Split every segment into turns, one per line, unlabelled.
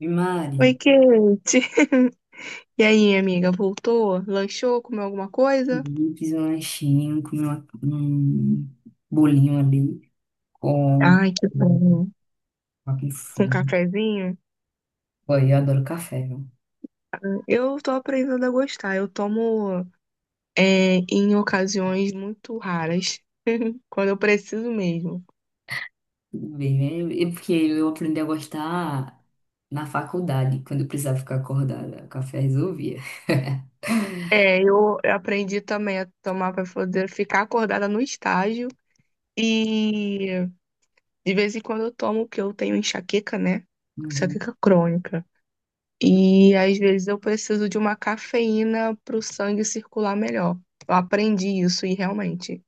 E Mari,
Oi, Kate. E aí, amiga, voltou? Lanchou? Comeu alguma coisa?
eu fiz um lanchinho, comi um bolinho ali com,
Ai, que
com
bom.
aquele
Com
fundo.
cafezinho?
Pô, eu adoro café, viu?
Eu tô aprendendo a gostar. Eu tomo é, em ocasiões muito raras, quando eu preciso mesmo.
Tudo bem, né? É porque eu aprendi a gostar na faculdade, quando eu precisava ficar acordada, o café resolvia.
É, eu aprendi também a tomar para poder ficar acordada no estágio. E de vez em quando eu tomo, porque eu tenho enxaqueca, né?
Uhum.
Enxaqueca crônica. E às vezes eu preciso de uma cafeína para o sangue circular melhor. Eu aprendi isso e realmente.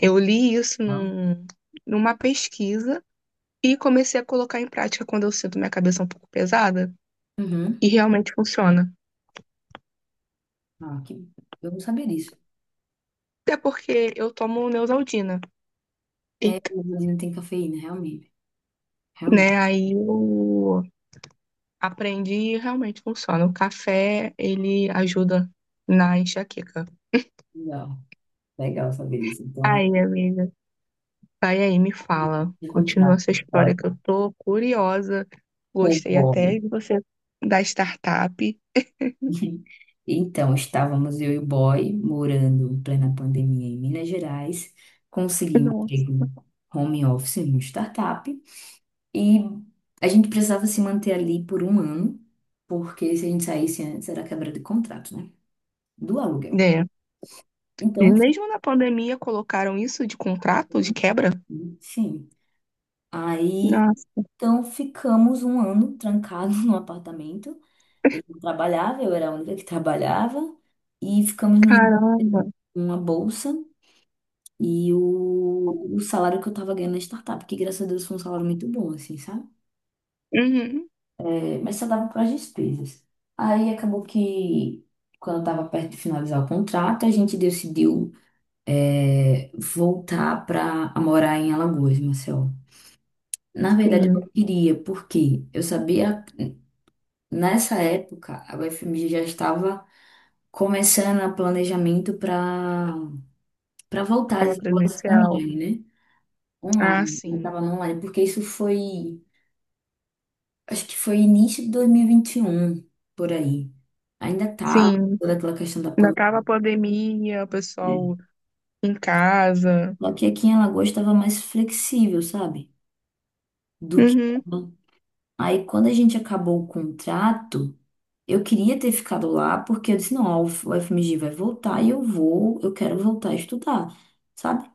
Eu li isso
Bom.
numa pesquisa e comecei a colocar em prática quando eu sinto minha cabeça um pouco pesada
Uhum.
e realmente funciona.
Ah, que. Eu não sabia disso.
Até porque eu tomo Neosaldina,
É,
e,
o não tem cafeína, realmente. Realmente.
né? Aí eu aprendi e realmente funciona. O café, ele ajuda na enxaqueca.
Legal. Legal saber isso. Então,
Aí, amiga. Vai aí, me fala.
vou
Continua
continuar
essa
com a
história
história.
que eu tô curiosa.
Foi
Gostei
bom.
até de você da startup.
Então, estávamos eu e o boy morando em plena pandemia em Minas Gerais. Consegui um
Nossa.
emprego home office em uma startup e a gente precisava se manter ali por um ano, porque se a gente saísse antes era quebra de contrato, né? Do aluguel.
É. E
Então,
mesmo na pandemia colocaram isso de contrato, de quebra?
sim. Aí,
Nossa,
então ficamos um ano trancados no apartamento. Ele não trabalhava, eu era a única que trabalhava e ficamos nos
caramba.
uma bolsa. E o salário que eu tava ganhando na startup, que graças a Deus foi um salário muito bom, assim, sabe?
Uhum,
É, mas só dava para as despesas. Aí acabou que, quando eu tava perto de finalizar o contrato, a gente decidiu, voltar para morar em Alagoas, Marcelo. Na verdade, eu
sim.
não queria, porque eu sabia, nessa época, a UFMG já estava começando o planejamento para voltar às
Aula
aulas
presencial.
online, né?
Ah,
Online, eu
sim.
estava online, porque isso foi, acho que foi início de dois mil e vinte e um por aí. Ainda tá
Sim.
toda aquela questão da
Ainda tava a pandemia, o
pandemia.
pessoal em casa.
Só que aqui em Alagoas estava mais flexível, sabe? Do que
Uhum,
lá. Aí quando a gente acabou o contrato, eu queria ter ficado lá porque eu disse, não, ó, o FMG vai voltar e eu quero voltar a estudar, sabe?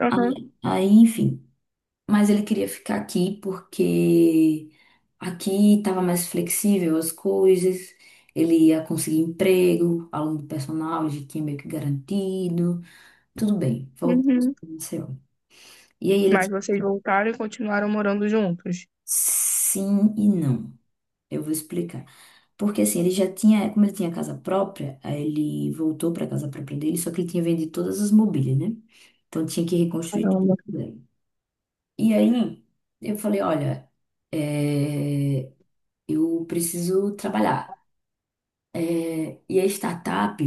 aham,
Aí, enfim. Mas ele queria ficar aqui porque aqui estava mais flexível as coisas, ele ia conseguir emprego, aluno do personal, já tinha meio que garantido, tudo bem, voltamos
uhum.
para Maceió. E aí ele disse
Mas vocês voltaram e continuaram morando juntos.
sim e não. Eu vou explicar. Porque assim, ele já tinha, como ele tinha casa própria, aí ele voltou para a casa própria dele, só que ele tinha vendido todas as mobílias, né? Então tinha que reconstruir tudo.
Caramba,
E aí eu falei, olha, eh, eu preciso trabalhar. É, e a startup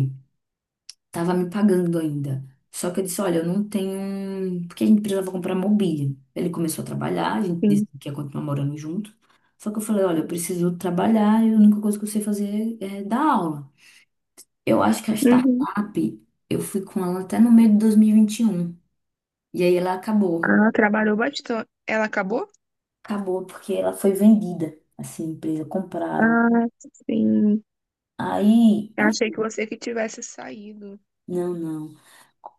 estava me pagando ainda. Só que eu disse, olha, eu não tenho. Porque a gente precisava comprar mobília. Ele começou a trabalhar, a gente
sim.
disse que ia continuar morando junto. Só que eu falei, olha, eu preciso trabalhar e a única coisa que eu sei fazer é dar aula. Eu acho que a
Uhum.
startup, eu fui com ela até no meio de 2021. E vinte e um. E aí ela acabou.
Ah, trabalhou bastante. Ela acabou?
Acabou porque ela foi vendida. Assim, a empresa compraram.
Ah, sim.
Aí,
Achei que
enfim,
você que tivesse saído.
não, não.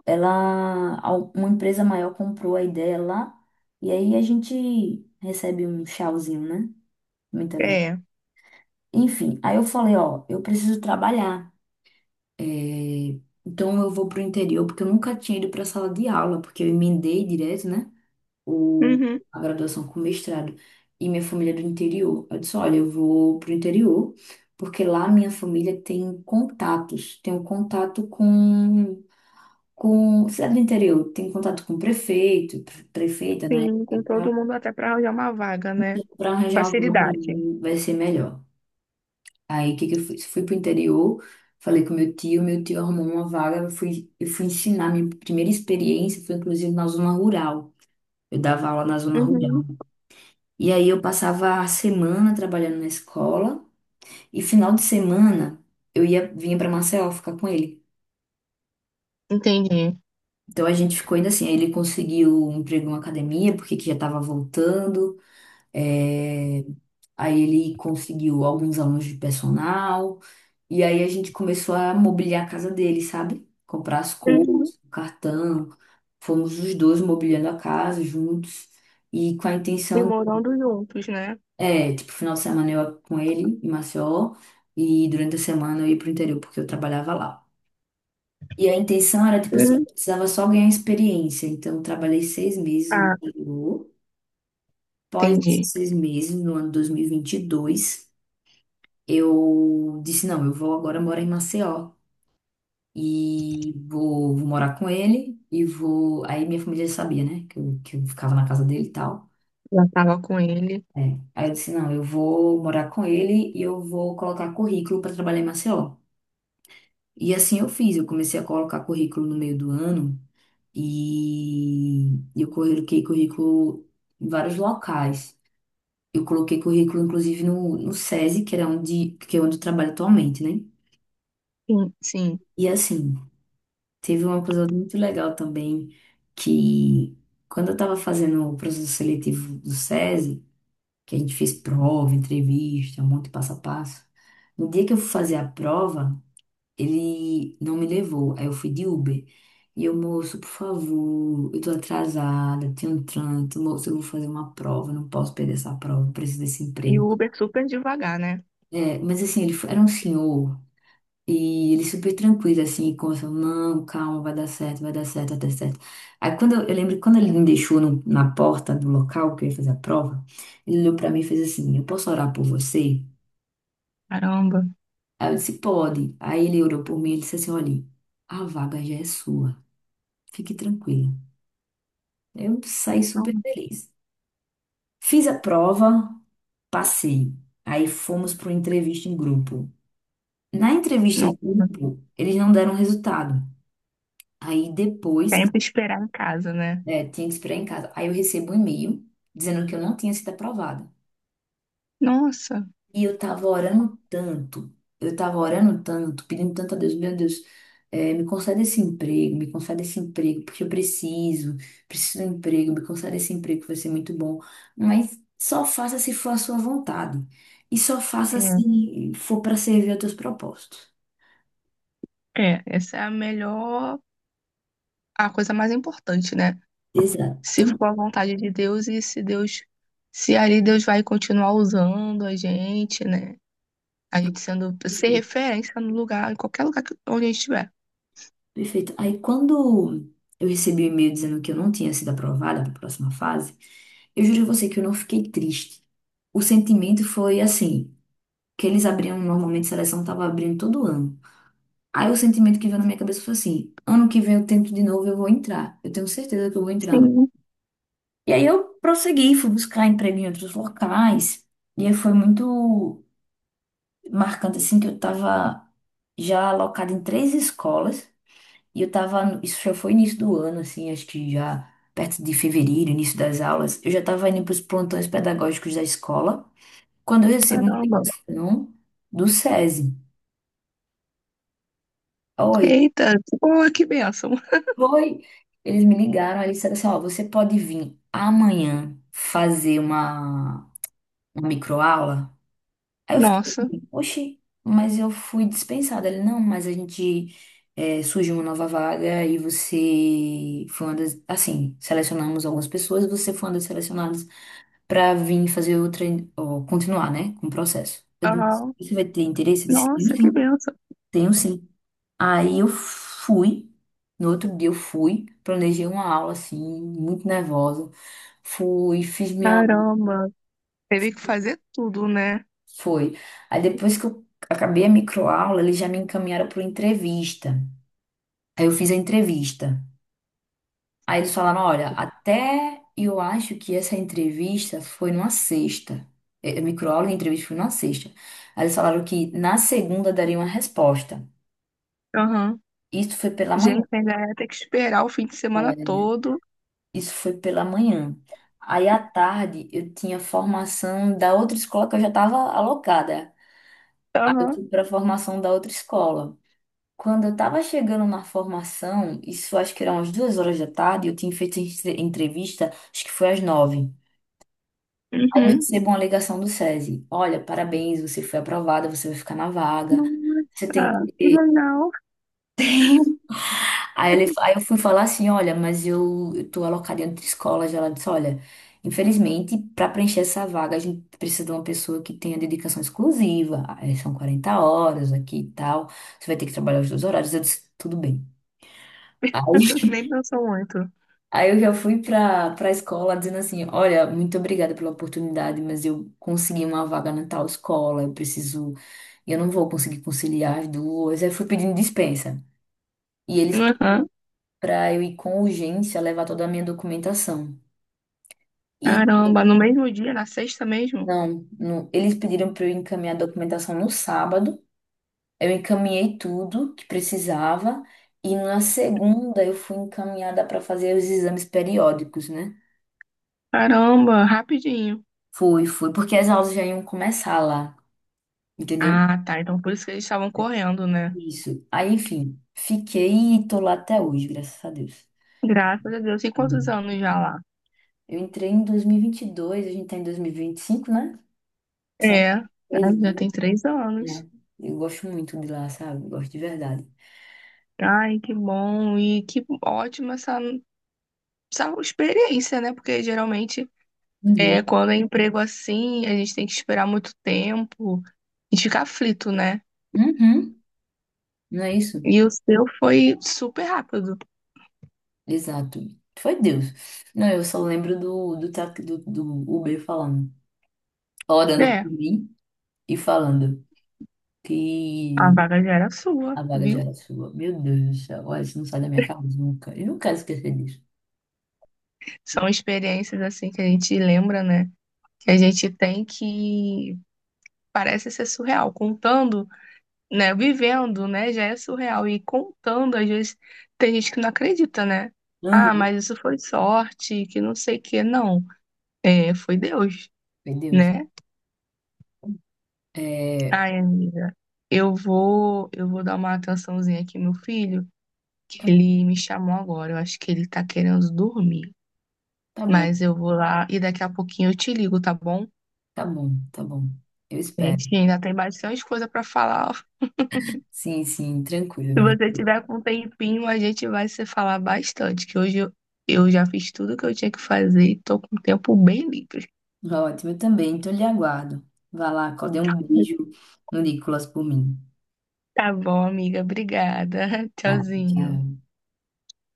Ela, uma empresa maior comprou a ideia lá, e aí a gente recebe um tchauzinho, né? Muito agradecido.
É.
Enfim, aí eu falei, ó, eu preciso trabalhar. é, Então eu vou pro interior, porque eu nunca tinha ido pra sala de aula, porque eu emendei direto, né? O...
Uhum.
A graduação com mestrado. E minha família é do interior. Eu disse, olha, eu vou pro interior, porque lá minha família tem contatos, tem um contato com cidade do interior, tem contato com o prefeito, prefeita, né?
Sim, com todo mundo até para arranjar uma vaga, né?
Para arranjar um valor para
Facilidade.
mim vai ser melhor. Aí o que que eu fiz? Fui pro interior, falei com meu tio arrumou uma vaga, eu fui ensinar minha primeira experiência, foi inclusive na zona rural. Eu dava aula na zona rural.
Uhum.
E aí eu passava a semana trabalhando na escola e final de semana eu ia vinha para Maceió ficar com ele.
Entendi.
Então a gente ficou ainda assim, aí ele conseguiu um emprego em uma academia, porque que já estava voltando. É, aí ele conseguiu alguns alunos de personal. E aí a gente começou a mobiliar a casa dele, sabe? Comprar as
Uhum.
coisas, o cartão. Fomos os dois mobiliando a casa juntos. E com a
E
intenção,
morando juntos, né?
tipo, final de semana eu ia com ele em Maceió. E durante a semana eu ia pro interior, porque eu trabalhava lá. E a intenção era, tipo assim, eu
Uhum.
precisava só ganhar experiência. Então, eu trabalhei 6 meses no
Ah,
interior. Após esses
entendi.
6 meses, no ano dois mil e vinte e dois eu disse, não, eu vou agora morar em Maceió. E vou morar com ele e vou. Aí minha família já sabia, né? Que eu ficava na casa dele e tal.
Já tava com ele.
É. Aí eu disse, não, eu vou morar com ele e eu vou colocar currículo para trabalhar em Maceió. E assim eu fiz, eu comecei a colocar currículo no meio do ano e eu coloquei currículo em vários locais. Eu coloquei currículo, inclusive, no SESI, que é onde eu trabalho atualmente, né?
Sim, sim.
E assim, teve uma coisa muito legal também, que quando eu estava fazendo o processo seletivo do SESI, que a gente fez prova, entrevista, um monte de passo a passo, no dia que eu fui fazer a prova, ele não me levou, aí eu fui de Uber. E eu, moço, por favor, eu tô atrasada, tenho um trânsito, moço, eu vou fazer uma prova, não posso perder essa prova, preciso desse
E o
emprego.
Uber super devagar, né?
É, mas assim, era um senhor e ele super tranquilo, assim, com essa, não, calma, vai dar certo, vai dar certo, vai dar certo. Aí quando eu lembro que quando ele me deixou na porta do local que eu ia fazer a prova, ele olhou pra mim e fez assim, eu posso orar por você?
Caramba.
Aí eu disse, pode. Aí ele orou por mim e disse assim, olha, a vaga já é sua, fique tranquila. Eu saí
Não,
super feliz. Fiz a prova, passei. Aí fomos para uma entrevista em grupo. Na entrevista em
não.
grupo, eles não deram resultado. Aí depois.
Sempre esperar em casa, né?
É, tinha que esperar em casa. Aí eu recebo um e-mail dizendo que eu não tinha sido aprovada.
Nossa.
E eu tava orando tanto, eu tava orando tanto, pedindo tanto a Deus, meu Deus, me concede esse emprego, me concede esse emprego, porque eu preciso de um emprego, me concede esse emprego, que vai ser muito bom. Mas só faça se for a sua vontade. E só faça
É.
se for para servir aos teus propósitos.
É, essa é a melhor, a coisa mais importante, né?
Exato.
Se
Então.
for a vontade de Deus e se Deus, se ali Deus vai continuar usando a gente, né? A gente sendo, ser referência no lugar, em qualquer lugar que, onde a gente estiver.
Perfeito. Aí quando eu recebi o e-mail dizendo que eu não tinha sido aprovada para a próxima fase, eu juro a você que eu não fiquei triste. O sentimento foi assim, que eles abriam normalmente, a seleção tava abrindo todo ano. Aí o sentimento que veio na minha cabeça foi assim, ano que vem eu tento de novo, eu vou entrar. Eu tenho certeza que eu vou entrar.
Sim,
E aí eu prossegui, fui buscar emprego em outros locais. E aí foi muito marcante assim que eu tava já alocada em três escolas e eu tava, isso já foi início do ano assim, acho que já perto de fevereiro, início das aulas, eu já tava indo para os plantões pedagógicos da escola. Quando eu recebo uma
caramba.
ligação do SESI, oi,
Eita, pô, que bênção.
oi, eles me ligaram, aí eles disseram assim, ó, você pode vir amanhã fazer uma microaula? Aí eu fiquei
Nossa,
assim, oxi, mas eu fui dispensada. Ele, não, mas a gente surgiu uma nova vaga e você foi uma das, assim, selecionamos algumas pessoas, você foi uma das selecionadas para vir fazer outra, ou continuar, né, com o processo. Eu disse,
aham.
você vai ter interesse? Eu disse, tenho
Nossa, que
sim.
bênção.
Tenho sim. Aí eu fui, no outro dia eu fui, planejei uma aula assim, muito nervosa. Fui, fiz minha.
Caramba. Teve que fazer tudo, né?
Foi. Aí depois que eu acabei a microaula, eles já me encaminharam para entrevista. Aí eu fiz a entrevista. Aí eles falaram: olha, até eu acho que essa entrevista foi numa sexta. Microaula e entrevista foi numa sexta. Aí eles falaram que na segunda daria uma resposta.
Aham.
Isso foi pela manhã.
Gente, ainda ia ter que esperar o fim de semana todo.
Isso foi pela manhã. Aí à tarde eu tinha formação da outra escola que eu já estava alocada. Aí eu
Aham.
fui para a formação da outra escola. Quando eu estava chegando na formação, isso acho que eram umas 2 horas da tarde, eu tinha feito entrevista, acho que foi às 9h. Aí eu
Uhum.
recebo uma ligação do SESI. Olha, parabéns, você foi aprovada, você vai ficar na vaga. Você tem
Nossa, que legal.
Aí, aí eu fui falar assim, olha, mas eu tô alocada em outra escola já. Ela disse, olha, infelizmente, para preencher essa vaga, a gente precisa de uma pessoa que tenha dedicação exclusiva. Aí são 40 horas aqui e tal. Você vai ter que trabalhar os dois horários. Eu disse, tudo bem.
Nem
Aí,
pensou muito.
aí eu já fui pra escola dizendo assim, olha, muito obrigada pela oportunidade, mas eu consegui uma vaga na tal escola, eu preciso, eu não vou conseguir conciliar as duas. Aí fui pedindo dispensa. E eles
Aham.
para eu ir com urgência levar toda a minha documentação. E
Caramba, no mesmo dia, na sexta mesmo?
não, não, eles pediram para eu encaminhar a documentação no sábado. Eu encaminhei tudo que precisava e na segunda eu fui encaminhada para fazer os exames periódicos, né?
Caramba, rapidinho.
Fui, fui, porque as aulas já iam começar lá, entendeu?
Ah, tá. Então por isso que eles estavam correndo, né?
Isso. Aí, enfim, fiquei e tô lá até hoje, graças a Deus.
Graças a Deus. Tem quantos
Uhum.
anos já lá?
Eu entrei em 2022, a gente tá em 2025, né? São
É, né,
três,
já tem 3 anos.
né? Eu gosto muito de lá, sabe? Gosto de verdade.
Ai, que bom e que ótima essa, essa experiência, né? Porque geralmente
Uhum.
é, quando é emprego assim, a gente tem que esperar muito tempo e fica aflito, né?
Uhum, não é isso?
E o seu foi super rápido.
Exato. Foi Deus. Não, eu só lembro do Uber falando, orando
É,
por mim e falando
a
que
vaga já era sua,
a vaga já
viu?
era sua. Meu Deus do céu, olha, isso não sai da minha cabeça nunca. Eu não quero esquecer disso.
São experiências assim que a gente lembra, né? Que a gente tem que parece ser surreal. Contando, né? Vivendo, né? Já é surreal. E contando, às vezes, tem gente que não acredita, né? Ah,
Uhum.
mas isso foi sorte, que não sei o quê. Não, é, foi Deus,
Foi Deus.
né?
É,
Ai, amiga, eu vou dar uma atençãozinha aqui, meu filho,
tá,
que ele me chamou agora. Eu acho que ele tá querendo dormir.
tá bom.
Mas eu vou lá e daqui a pouquinho eu te ligo, tá bom?
Tá bom, tá bom. Eu
A
espero.
gente ainda tem bastante coisa pra falar.
Sim, sim, tranquilo,
Se
né?
você tiver com um tempinho, a gente vai se falar bastante, que hoje eu já fiz tudo que eu tinha que fazer e tô com o tempo bem livre.
Tá, ótimo, eu também. Então, lhe aguardo. Vá lá, dê um beijo no Nicolas por mim.
Tá bom, amiga. Obrigada.
Tá,
Tchauzinho.
tchau.